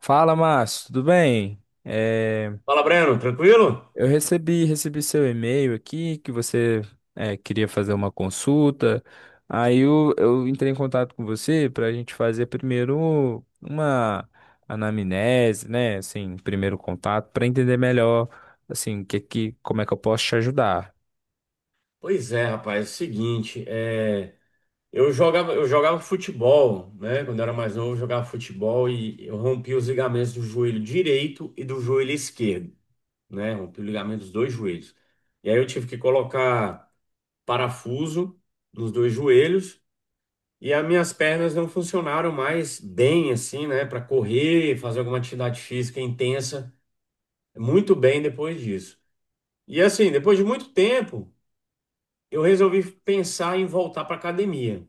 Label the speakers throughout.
Speaker 1: Fala, Márcio, tudo bem?
Speaker 2: Fala, Breno, tranquilo?
Speaker 1: Eu recebi seu e-mail aqui que você queria fazer uma consulta. Aí eu entrei em contato com você para a gente fazer primeiro uma anamnese, né? Assim, primeiro contato, para entender melhor, assim, como é que eu posso te ajudar.
Speaker 2: Pois é, rapaz, é o seguinte, eu jogava futebol, né? Quando eu era mais novo, eu jogava futebol e eu rompi os ligamentos do joelho direito e do joelho esquerdo, né? Rompi o ligamento dos dois joelhos. E aí eu tive que colocar parafuso nos dois joelhos e as minhas pernas não funcionaram mais bem, assim, né? Para correr, fazer alguma atividade física intensa, muito bem depois disso. E assim, depois de muito tempo, eu resolvi pensar em voltar para academia.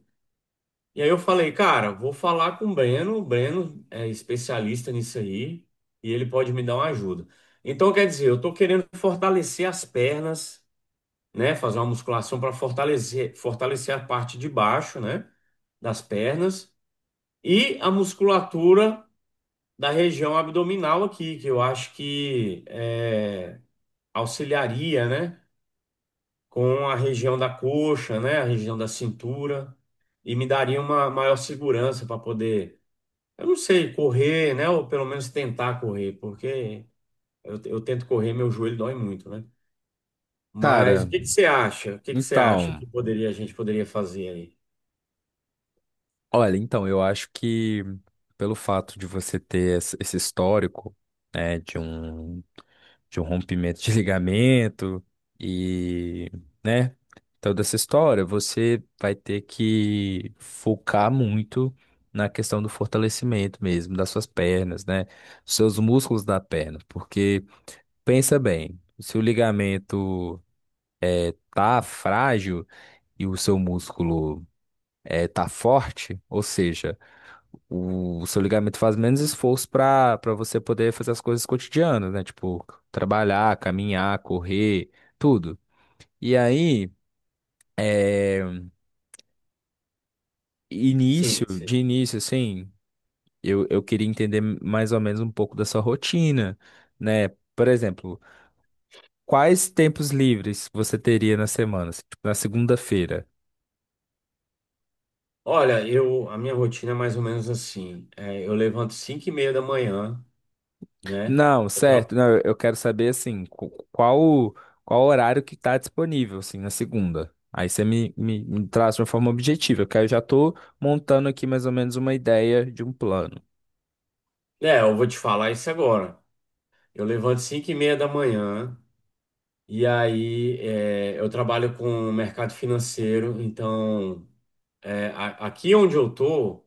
Speaker 2: E aí eu falei, cara, vou falar com o Breno é especialista nisso aí e ele pode me dar uma ajuda. Então, quer dizer, eu estou querendo fortalecer as pernas, né, fazer uma musculação para fortalecer, fortalecer a parte de baixo, né, das pernas e a musculatura da região abdominal aqui, que eu acho que auxiliaria, né? Com a região da coxa, né, a região da cintura, e me daria uma maior segurança para poder, eu não sei, correr, né, ou pelo menos tentar correr, porque eu tento correr, meu joelho dói muito, né? Mas
Speaker 1: Cara,
Speaker 2: o que que você acha? O que que você acha
Speaker 1: então,
Speaker 2: que poderia a gente poderia fazer aí?
Speaker 1: olha, então, eu acho que pelo fato de você ter esse histórico, né, de um. de um rompimento de ligamento e, né, toda essa história, você vai ter que focar muito na questão do fortalecimento mesmo das suas pernas, né, dos seus músculos da perna, porque pensa bem, se o ligamento tá frágil e o seu músculo tá forte, ou seja, o seu ligamento faz menos esforço para você poder fazer as coisas cotidianas, né? Tipo, trabalhar, caminhar, correr, tudo. E aí, é,
Speaker 2: Sim,
Speaker 1: início,
Speaker 2: sim.
Speaker 1: de início, assim, eu queria entender mais ou menos um pouco da sua rotina, né? Por exemplo, quais tempos livres você teria na semana? Assim, tipo, na segunda-feira?
Speaker 2: Olha, eu a minha rotina é mais ou menos assim. É, eu levanto 5 e meia da manhã, né?
Speaker 1: Não,
Speaker 2: Eu tra-
Speaker 1: certo. Não, eu quero saber assim, qual qual horário que tá disponível assim na segunda. Aí você me traz de uma forma objetiva, porque aí eu já tô montando aqui mais ou menos uma ideia de um plano.
Speaker 2: É, eu vou te falar isso agora. Eu levanto 5 e meia da manhã. E aí, é, eu trabalho com o mercado financeiro, então, é, aqui onde eu tô,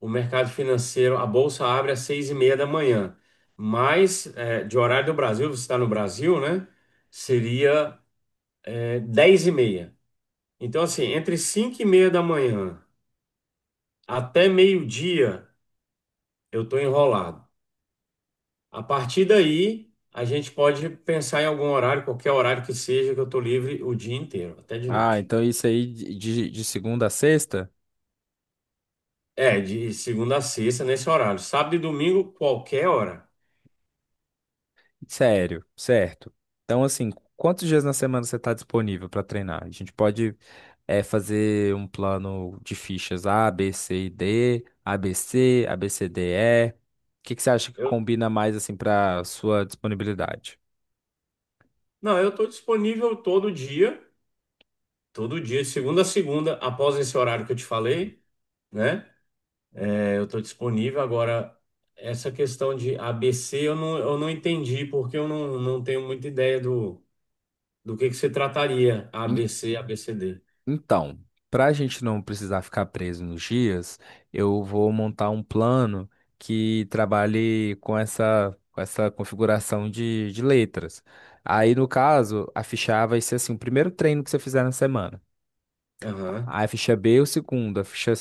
Speaker 2: o mercado financeiro, a bolsa abre às seis e meia da manhã, mas é, de horário do Brasil, você está no Brasil, né? Seria é, dez e meia. Então, assim, entre cinco e meia da manhã até meio-dia, eu tô enrolado. A partir daí, a gente pode pensar em algum horário, qualquer horário que seja, que eu tô livre o dia inteiro, até de
Speaker 1: Ah,
Speaker 2: noite.
Speaker 1: então isso aí de, de segunda a sexta?
Speaker 2: É, de segunda a sexta, nesse horário. Sábado e domingo, qualquer hora.
Speaker 1: Sério, certo. Então assim, quantos dias na semana você tá disponível para treinar? A gente pode fazer um plano de fichas A, B, C e D, ABC, ABCDE. O que que você acha que
Speaker 2: Eu,
Speaker 1: combina mais assim para sua disponibilidade?
Speaker 2: não, eu estou disponível todo dia, de segunda a segunda, após esse horário que eu te falei, né? É, eu estou disponível. Agora, essa questão de ABC, eu não entendi, porque eu não, não tenho muita ideia do que se trataria
Speaker 1: En-
Speaker 2: ABC, ABCD.
Speaker 1: Então, para a gente não precisar ficar preso nos dias, eu vou montar um plano que trabalhe com essa configuração de letras. Aí, no caso, a ficha A vai ser assim, o primeiro treino que você fizer na semana.
Speaker 2: Aham.
Speaker 1: A ficha B é o segundo, a ficha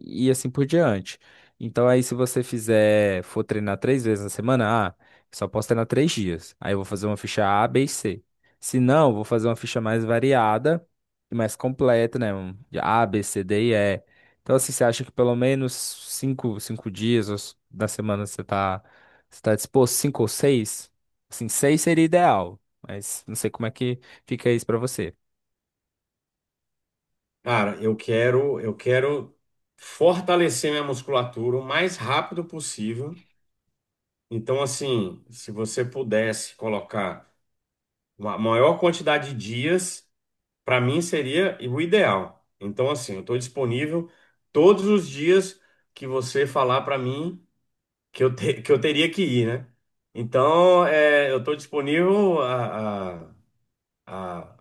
Speaker 1: e assim por diante. Então aí se você fizer, for treinar três vezes na semana, ah, só posso treinar três dias. Aí eu vou fazer uma ficha A, B e C. Se não, eu vou fazer uma ficha mais variada e mais completa, né? Um de A, B, C, D e E. Então assim, você acha que pelo menos cinco dias da semana você você tá disposto, cinco ou seis? Assim, seis seria ideal, mas não sei como é que fica isso pra você.
Speaker 2: Cara, eu quero fortalecer minha musculatura o mais rápido possível. Então, assim, se você pudesse colocar uma maior quantidade de dias, para mim seria o ideal. Então, assim, eu estou disponível todos os dias que você falar para mim que eu, te- que eu teria que ir, né? Então, é, eu estou disponível a,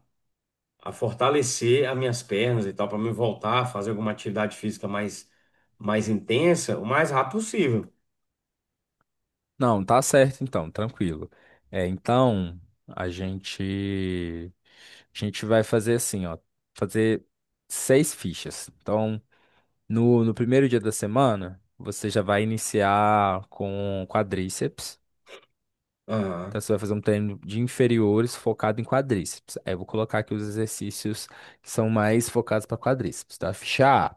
Speaker 2: a fortalecer as minhas pernas e tal, para me voltar a fazer alguma atividade física mais, mais intensa o mais rápido possível.
Speaker 1: Não, tá certo então, tranquilo. É, então a gente a gente vai fazer assim, ó, fazer seis fichas. Então, no primeiro dia da semana, você já vai iniciar com quadríceps. Então,
Speaker 2: Aham.
Speaker 1: você vai fazer um treino de inferiores focado em quadríceps. Aí eu vou colocar aqui os exercícios que são mais focados para quadríceps, tá? Ficha A.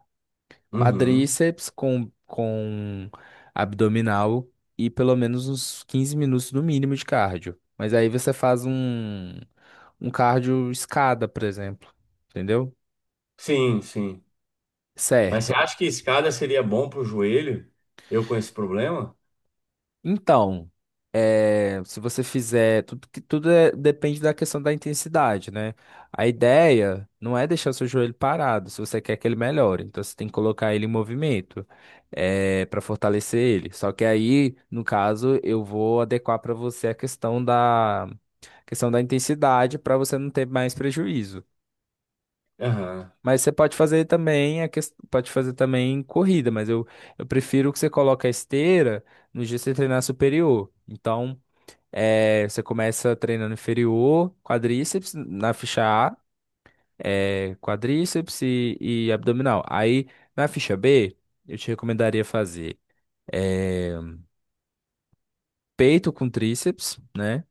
Speaker 2: Uhum.
Speaker 1: Quadríceps com abdominal e pelo menos uns 15 minutos no mínimo de cardio. Mas aí você faz um cardio escada, por exemplo. Entendeu?
Speaker 2: Sim, sim. Mas você
Speaker 1: Certo.
Speaker 2: acha que escada seria bom pro joelho? Eu com esse problema?
Speaker 1: Então, se você fizer, tudo, tudo depende da questão da intensidade, né? A ideia não é deixar o seu joelho parado, se você quer que ele melhore. Então, você tem que colocar ele em movimento, para fortalecer ele. Só que aí, no caso, eu vou adequar para você a questão da intensidade para você não ter mais prejuízo.
Speaker 2: Aham,
Speaker 1: Mas você pode fazer também, pode fazer também corrida, mas eu prefiro que você coloque a esteira no dia que você treinar superior. Então. É, você começa treinando inferior, quadríceps na ficha A, quadríceps e abdominal. Aí na ficha B, eu te recomendaria fazer é, peito com tríceps, né?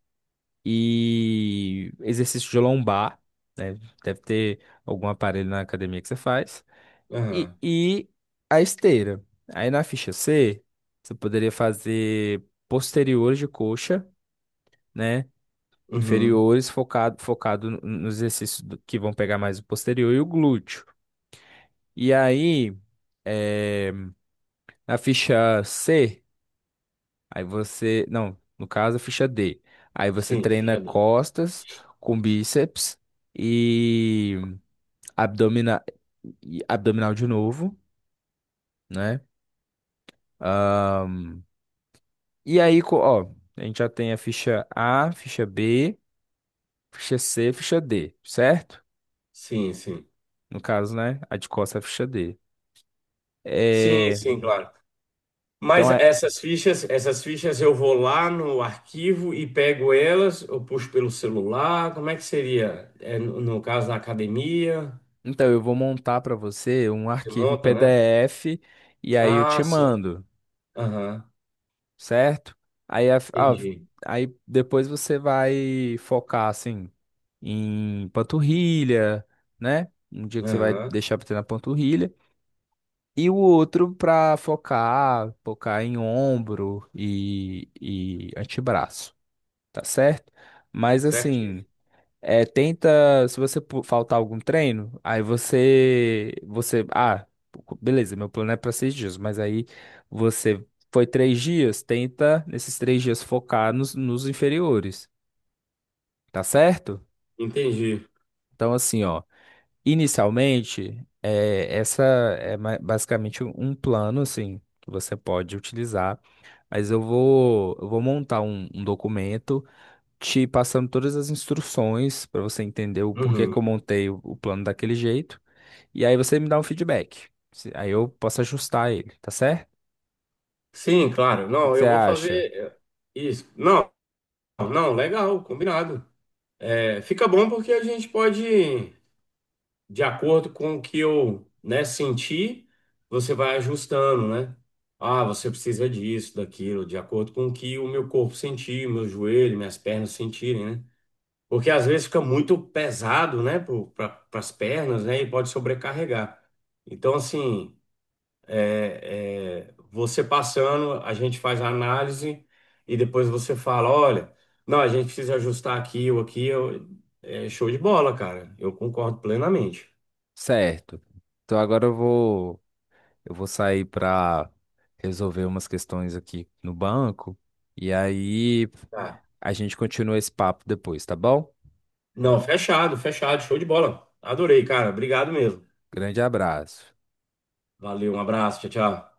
Speaker 1: E exercício de lombar, né? Deve ter algum aparelho na academia que você faz.
Speaker 2: aham,
Speaker 1: E a esteira. Aí na ficha C, você poderia fazer posteriores de coxa, né?
Speaker 2: uhum.
Speaker 1: Inferiores focado nos exercícios que vão pegar mais o posterior e o glúteo. E aí, eh, na ficha C, aí você, não, no caso, a ficha D, aí você
Speaker 2: Sim,
Speaker 1: treina
Speaker 2: ficha dez.
Speaker 1: costas com bíceps e abdominal, e abdominal de novo, né? Ahn, e aí, ó, a gente já tem a ficha A, ficha B, ficha C, ficha D, certo?
Speaker 2: Sim, sim.
Speaker 1: No caso, né? A de costas é a ficha D.
Speaker 2: Sim,
Speaker 1: Eh,
Speaker 2: sim, claro. Mas
Speaker 1: então é,
Speaker 2: essas fichas eu vou lá no arquivo e pego elas, eu puxo pelo celular, como é que seria? É, no caso, na academia,
Speaker 1: então eu vou montar para você um
Speaker 2: você
Speaker 1: arquivo em
Speaker 2: monta, né?
Speaker 1: PDF e aí eu
Speaker 2: Ah,
Speaker 1: te
Speaker 2: sim.
Speaker 1: mando,
Speaker 2: Aham,
Speaker 1: certo? Aí,
Speaker 2: entendi.
Speaker 1: aí depois você vai focar assim em panturrilha, né? Um dia que você vai
Speaker 2: Aham,
Speaker 1: deixar para treinar panturrilha e o outro para focar em ombro e antebraço, tá certo? Mas assim
Speaker 2: certinho.
Speaker 1: É, tenta, se você faltar algum treino, aí você, ah, beleza, meu plano é para seis dias, mas aí você foi três dias, tenta nesses três dias focar nos inferiores, tá certo?
Speaker 2: Entendi.
Speaker 1: Então assim, ó, inicialmente, é, essa é basicamente um plano, assim, que você pode utilizar, mas eu vou montar um documento te passando todas as instruções para você entender o porquê que eu
Speaker 2: Uhum.
Speaker 1: montei o plano daquele jeito. E aí você me dá um feedback. Se- Aí eu posso ajustar ele, tá certo?
Speaker 2: Sim, claro.
Speaker 1: O que que
Speaker 2: Não,
Speaker 1: você
Speaker 2: eu vou fazer
Speaker 1: acha?
Speaker 2: isso. Não, Não, legal, combinado. É, fica bom porque a gente pode, de acordo com o que eu, né, sentir, você vai ajustando, né? Ah, você precisa disso, daquilo, de acordo com o que o meu corpo sentir, meu joelho, minhas pernas sentirem, né? Porque às vezes fica muito pesado, né, para as pernas, né, e pode sobrecarregar. Então, assim. Você passando, a gente faz a análise e depois você fala, olha, não, a gente precisa ajustar aqui ou aqui. Eu, é show de bola, cara. Eu concordo plenamente.
Speaker 1: Certo. Então agora eu vou sair para resolver umas questões aqui no banco e aí
Speaker 2: Tá.
Speaker 1: a gente continua esse papo depois, tá bom?
Speaker 2: Não, fechado, fechado, show de bola. Adorei, cara. Obrigado mesmo.
Speaker 1: Grande abraço.
Speaker 2: Valeu, um abraço, tchau, tchau.